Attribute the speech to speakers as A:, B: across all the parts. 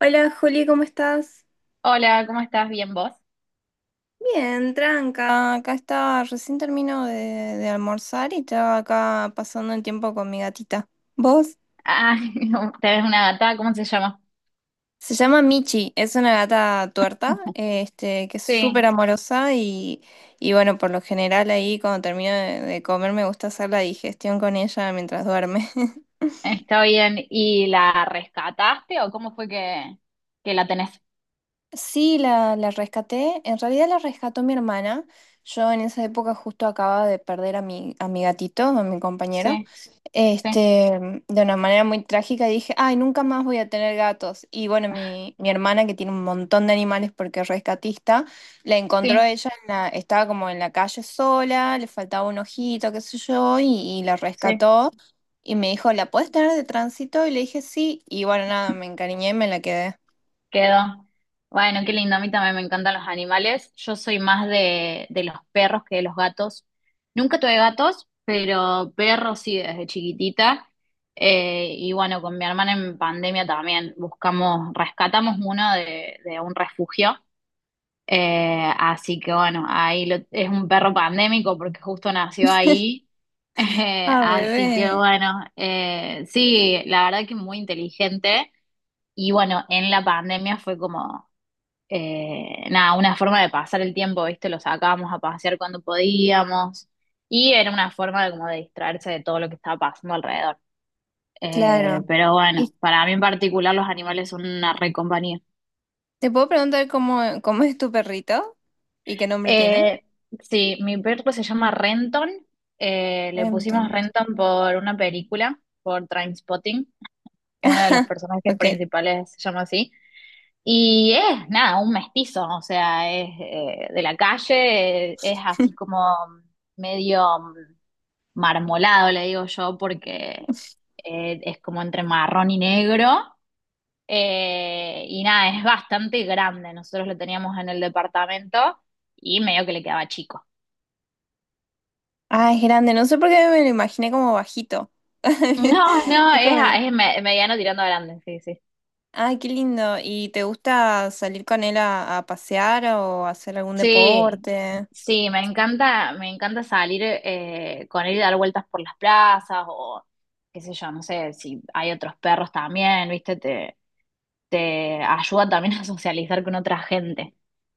A: Hola Juli, ¿cómo estás?
B: Hola, ¿cómo estás? ¿Bien vos?
A: Bien, tranca. Acá estaba, recién termino de almorzar y estaba acá pasando el tiempo con mi gatita. ¿Vos?
B: Ah, tenés una gata, ¿cómo se llama?
A: Se llama Michi, es una gata tuerta, este, que es súper
B: Sí,
A: amorosa y bueno, por lo general ahí cuando termino de comer me gusta hacer la digestión con ella mientras duerme.
B: está bien. ¿Y la rescataste o cómo fue que la tenés?
A: Sí, la rescaté. En realidad la rescató mi hermana. Yo en esa época justo acababa de perder a mi gatito, a mi compañero.
B: Sí, sí,
A: Este, de una manera muy trágica, y dije, ay, nunca más voy a tener gatos. Y bueno, mi hermana, que tiene un montón de animales porque es rescatista, la encontró
B: sí,
A: ella, en la, estaba como en la calle sola, le faltaba un ojito, qué sé yo, y la
B: sí,
A: rescató. Y me dijo, ¿la puedes tener de tránsito? Y le dije, sí. Y bueno, nada, me encariñé y me la quedé.
B: quedó. Bueno, qué lindo, a mí también me encantan los animales. Yo soy más de los perros que de los gatos. Nunca tuve gatos, pero perros sí desde chiquitita. Y bueno, con mi hermana en pandemia también buscamos, rescatamos uno de un refugio. Así que bueno, es un perro pandémico porque justo nació ahí.
A: Ah,
B: Así que
A: bebé.
B: bueno, sí, la verdad que muy inteligente. Y bueno, en la pandemia fue como nada, una forma de pasar el tiempo, ¿viste? Lo sacábamos a pasear cuando podíamos. Y era una forma de como de distraerse de todo lo que estaba pasando alrededor.
A: Claro.
B: Pero bueno,
A: ¿Y
B: para mí en particular los animales son una re compañía.
A: te puedo preguntar cómo, cómo es tu perrito? ¿Y qué nombre tiene?
B: Eh, sí, mi perro se llama Renton. Le
A: Renton.
B: pusimos Renton por una película, por Trainspotting. Uno de los personajes
A: Ok.
B: principales se llama así. Y es, nada, un mestizo, o sea, es de la calle, es así como medio marmolado, le digo yo, porque es como entre marrón y negro. Y nada, es bastante grande. Nosotros lo teníamos en el departamento y medio que le quedaba chico.
A: Ah, es grande. No sé por qué me lo imaginé como bajito.
B: No, no,
A: Es como...
B: es, mediano tirando a grande, sí, sí.
A: Ay, qué lindo. ¿Y te gusta salir con él a pasear o hacer algún
B: Sí,
A: deporte?
B: sí, me encanta salir con él y dar vueltas por las plazas o qué sé yo, no sé si hay otros perros también, ¿viste? Te ayuda también a socializar con otra gente,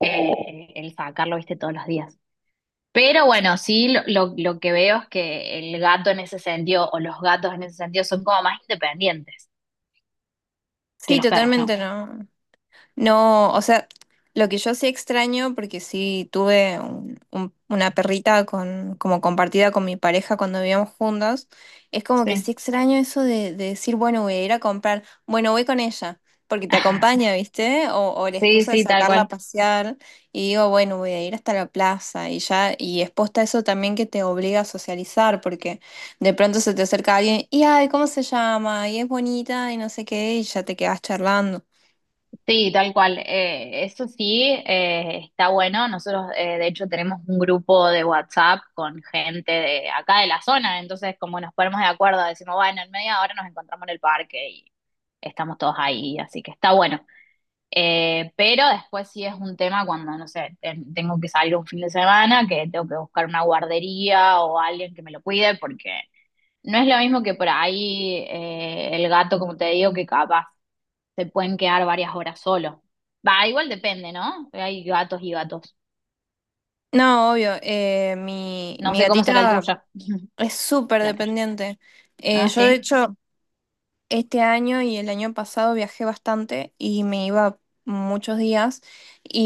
B: el sacarlo, ¿viste? Todos los días. Pero bueno, sí, lo que veo es que el gato en ese sentido o los gatos en ese sentido son como más independientes que
A: Sí,
B: los perros, ¿no?
A: totalmente no. No, o sea, lo que yo sí extraño, porque sí tuve una perrita con, como compartida con mi pareja cuando vivíamos juntos, es como que sí
B: Sí.
A: extraño eso de decir, bueno, voy a ir a comprar, bueno, voy con ella, porque te acompaña, ¿viste? O la
B: Sí,
A: excusa de
B: sí, tal
A: sacarla a
B: cual.
A: pasear y digo, bueno, voy a ir hasta la plaza y ya, y exposta a eso también que te obliga a socializar, porque de pronto se te acerca alguien y, ay, ¿cómo se llama? Y es bonita y no sé qué, y ya te quedas charlando.
B: Sí, tal cual. Eso sí, está bueno. Nosotros, de hecho, tenemos un grupo de WhatsApp con gente de acá de la zona. Entonces, como nos ponemos de acuerdo, decimos, bueno, en media hora nos encontramos en el parque y estamos todos ahí. Así que está bueno. Pero después sí es un tema cuando, no sé, tengo que salir un fin de semana, que tengo que buscar una guardería o alguien que me lo cuide, porque no es lo mismo que por ahí el gato, como te digo, que capaz se pueden quedar varias horas solo. Va, igual depende, ¿no? Hay gatos y gatos.
A: No, obvio. Mi,
B: No
A: mi
B: sé cómo será el
A: gatita
B: tuyo.
A: es súper
B: La tuya.
A: dependiente.
B: Ah,
A: Yo, de
B: sí.
A: hecho, este año y el año pasado viajé bastante y me iba muchos días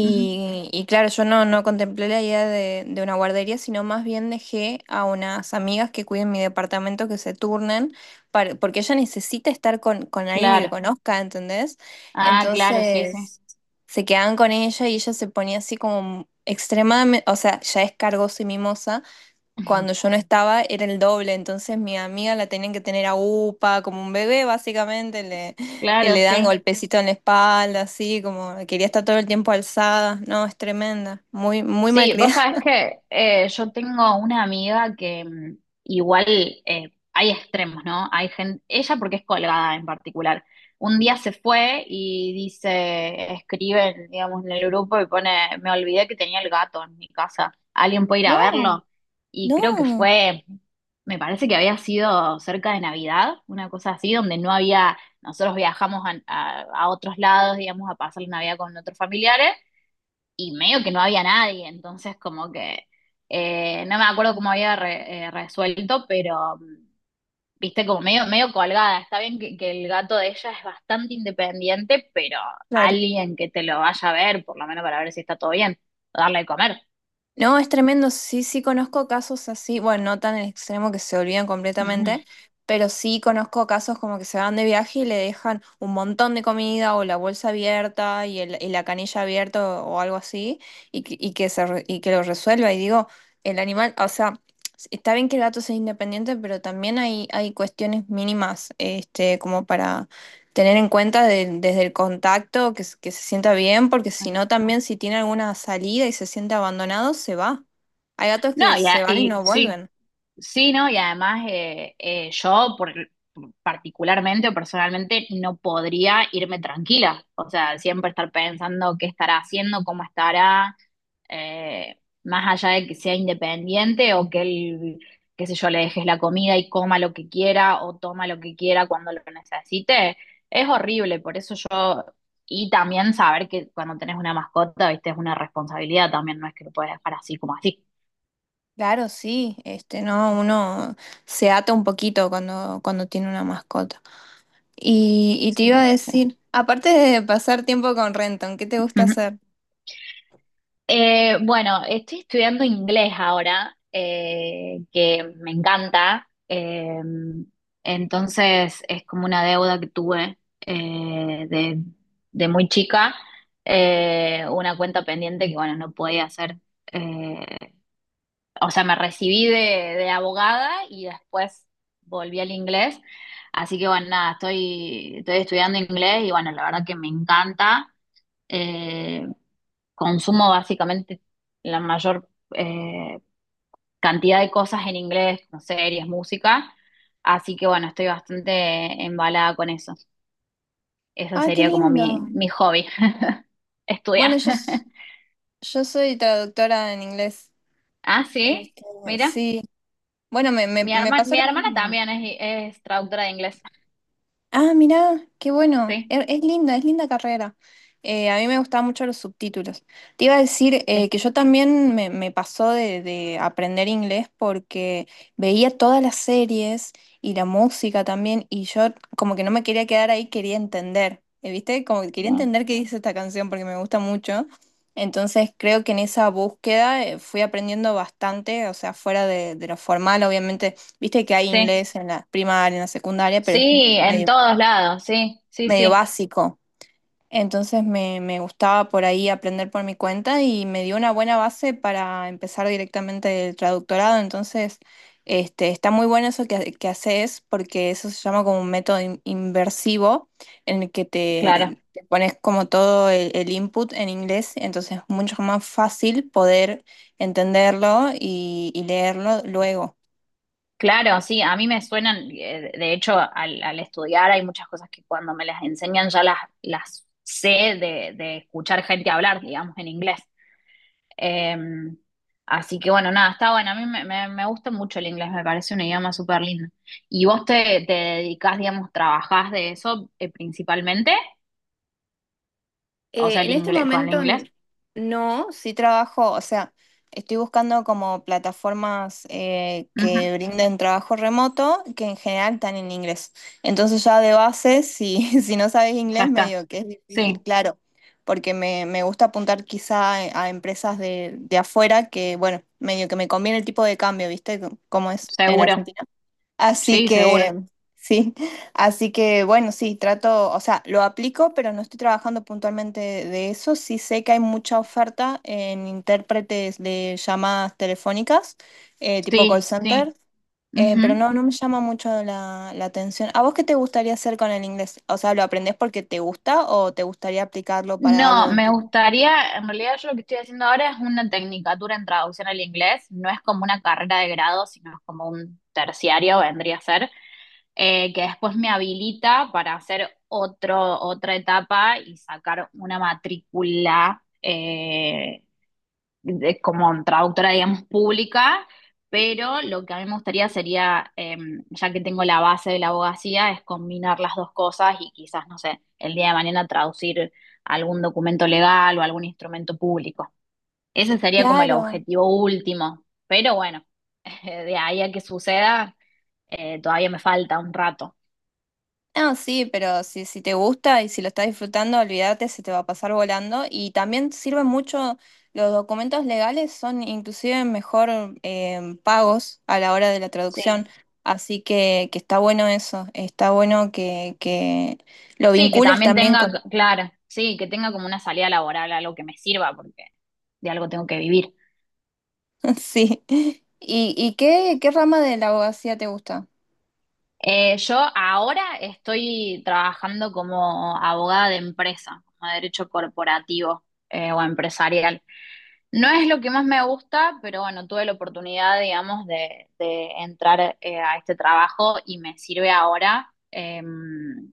B: Ujú.
A: y claro, yo no, no contemplé la idea de una guardería, sino más bien dejé a unas amigas que cuiden mi departamento que se turnen, porque ella necesita estar con alguien que
B: Claro.
A: conozca, ¿entendés?
B: Ah, claro, sí, sí.
A: Entonces se quedaban con ella y ella se ponía así como extremadamente, o sea, ya es cargosa y mimosa, cuando yo no estaba era el doble, entonces mi amiga la tenían que tener a upa, como un bebé básicamente, le, y
B: Claro,
A: le dan
B: sí.
A: golpecito en la espalda, así como quería estar todo el tiempo alzada, no, es tremenda, muy, muy
B: Sí, vos
A: malcriada.
B: sabés que yo tengo una amiga que igual hay extremos, ¿no? Hay gente, ella porque es colgada en particular. Un día se fue y dice, escribe, digamos, en el grupo y pone, me olvidé que tenía el gato en mi casa. ¿Alguien puede ir a
A: No,
B: verlo? Y creo que
A: no,
B: fue, me parece que había sido cerca de Navidad, una cosa así, donde no había, nosotros viajamos a otros lados, digamos, a pasar la Navidad con otros familiares y medio que no había nadie, entonces como que no me acuerdo cómo había resuelto, pero viste como medio, medio colgada. Está bien que el gato de ella es bastante independiente, pero
A: claro.
B: alguien que te lo vaya a ver, por lo menos para ver si está todo bien, o darle de comer.
A: No, es tremendo. Sí, sí conozco casos así, bueno, no tan el extremo que se olvidan completamente, pero sí conozco casos como que se van de viaje y le dejan un montón de comida o la bolsa abierta y, y la canilla abierta o algo así y, y que se, y que lo resuelva. Y digo, el animal, o sea, está bien que el gato sea independiente, pero también hay cuestiones mínimas, este, como para tener en cuenta desde el contacto que se sienta bien, porque si no también si tiene alguna salida y se siente abandonado, se va. Hay gatos
B: No,
A: que se van y
B: y
A: no
B: sí,
A: vuelven.
B: sí, ¿no? Y además yo por, particularmente o personalmente no podría irme tranquila, o sea, siempre estar pensando qué estará haciendo, cómo estará, más allá de que sea independiente o que él, qué sé yo, le dejes la comida y coma lo que quiera o toma lo que quiera cuando lo necesite, es horrible, por eso yo, y también saber que cuando tenés una mascota, viste, es una responsabilidad también, no es que lo puedes dejar así como así.
A: Claro, sí, este, no, uno se ata un poquito cuando, cuando tiene una mascota. Y te
B: Sí,
A: iba a
B: sí.
A: decir, aparte de pasar tiempo con Renton, ¿qué te gusta
B: Ujú.
A: hacer?
B: Bueno, estoy estudiando inglés ahora, que me encanta. Entonces es como una deuda que tuve eh, de, de muy chica, una cuenta pendiente que bueno, no podía hacer. eh, o sea, me recibí de abogada y después volví al inglés. Así que bueno, nada, estoy, estoy estudiando inglés y bueno, la verdad que me encanta eh, consumo básicamente la mayor eh, cantidad de cosas en inglés, como series, música, así que bueno, estoy bastante embalada con eso. Eso
A: Ah, qué
B: sería como
A: lindo.
B: mi hobby,
A: Bueno,
B: estudiar.
A: yo, yo soy traductora en inglés.
B: Ah, sí,
A: Este,
B: mira,
A: sí. Bueno, me pasó
B: mi
A: lo
B: hermana
A: mismo.
B: también es traductora de inglés.
A: Ah, mirá, qué bueno.
B: Sí,
A: Es linda carrera. A mí me gustaban mucho los subtítulos. Te iba a decir
B: sí,
A: que yo también me pasó de aprender inglés porque veía todas las series y la música también y yo como que no me quería quedar ahí, quería entender. ¿Viste? Como que quería
B: sí,
A: entender qué dice esta canción porque me gusta mucho. Entonces creo que en esa búsqueda fui aprendiendo bastante, o sea, fuera de lo formal, obviamente, viste que hay
B: sí,
A: inglés en la primaria, en la secundaria, pero es
B: sí, en
A: medio
B: todos lados, sí, sí,
A: medio
B: sí,
A: básico. Entonces me gustaba por ahí aprender por mi cuenta y me dio una buena base para empezar directamente el traductorado. Entonces, este, está muy bueno eso que haces porque eso se llama como un método inversivo en el que
B: claro.
A: te pones como todo el input en inglés. Entonces es mucho más fácil poder entenderlo y leerlo luego.
B: Claro, sí, a mí me suenan, de hecho, al estudiar hay muchas cosas que cuando me las enseñan ya las sé de escuchar gente hablar, digamos, en inglés. Eh, Así que bueno, nada, está bueno, a mí me gusta mucho el inglés, me parece un idioma súper lindo. ¿Y vos te dedicás, digamos, trabajás de eso principalmente? O sea, el
A: En este
B: inglés, con el
A: momento
B: inglés.
A: no, sí trabajo, o sea, estoy buscando como plataformas
B: Ujú,
A: que brinden trabajo remoto, que en general están en inglés. Entonces ya de base, si, si no sabes
B: ya
A: inglés,
B: está.
A: medio que es difícil,
B: Sí,
A: claro, porque me gusta apuntar quizá a empresas de afuera que, bueno, medio que me conviene el tipo de cambio, ¿viste? Como es en
B: seguro.
A: Argentina. Así
B: Sí, seguro.
A: que, sí, así que bueno, sí, trato, o sea, lo aplico, pero no estoy trabajando puntualmente de eso. Sí sé que hay mucha oferta en intérpretes de llamadas telefónicas, tipo call
B: Sí,
A: center,
B: sí.
A: pero
B: Ujú.
A: no, no me llama mucho la, la atención. ¿A vos qué te gustaría hacer con el inglés? O sea, ¿lo aprendés porque te gusta o te gustaría aplicarlo para
B: No,
A: algo en
B: me
A: tu...
B: gustaría, en realidad yo lo que estoy haciendo ahora es una tecnicatura en traducción al inglés, no es como una carrera de grado, sino es como un terciario, vendría a ser, que después me habilita para hacer otro, otra etapa y sacar una matrícula como traductora, digamos, pública, pero lo que a mí me gustaría sería, ya que tengo la base de la abogacía, es combinar las dos cosas y quizás, no sé, el día de mañana traducir algún documento legal o algún instrumento público. Ese sería como el
A: Claro.
B: objetivo último, pero bueno, de ahí a que suceda, todavía me falta un rato.
A: No, sí, pero si, si te gusta y si lo estás disfrutando, olvídate, se te va a pasar volando. Y también sirven mucho, los documentos legales son inclusive mejor pagos a la hora de la
B: Sí,
A: traducción. Así que está bueno eso, está bueno que lo
B: sí, que
A: vincules
B: también
A: también
B: tenga,
A: con...
B: claro, sí, que tenga como una salida laboral, algo que me sirva, porque de algo tengo que vivir.
A: Sí. Y qué, qué rama de la abogacía te gusta?
B: Yo ahora estoy trabajando como abogada de empresa, como derecho corporativo o empresarial. No es lo que más me gusta, pero bueno, tuve la oportunidad, digamos, de entrar a este trabajo y me sirve ahora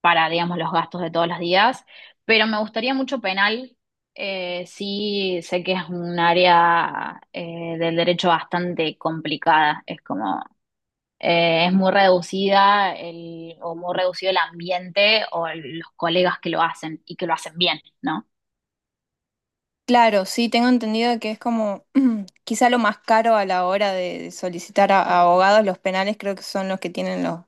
B: para, digamos, los gastos de todos los días. Pero me gustaría mucho penal. Sí, sé que es un área del derecho bastante complicada. Es como es muy reducida el, o muy reducido el ambiente o los colegas que lo hacen y que lo hacen bien, ¿no?
A: Claro, sí, tengo entendido que es como quizá lo más caro a la hora de solicitar a abogados, los penales creo que son los que tienen los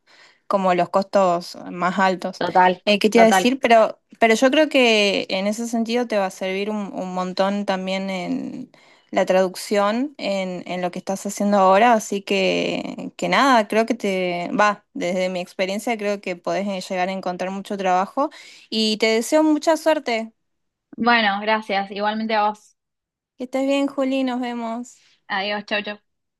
A: como los costos más altos.
B: Total,
A: ¿Qué te iba a
B: total.
A: decir? Pero yo creo que en ese sentido te va a servir un montón también en la traducción, en lo que estás haciendo ahora, así que nada, creo que te va, desde mi experiencia creo que podés llegar a encontrar mucho trabajo y te deseo mucha suerte.
B: Bueno, gracias. Igualmente a vos.
A: Que estés bien, Juli, nos vemos.
B: Adiós, chau, chau.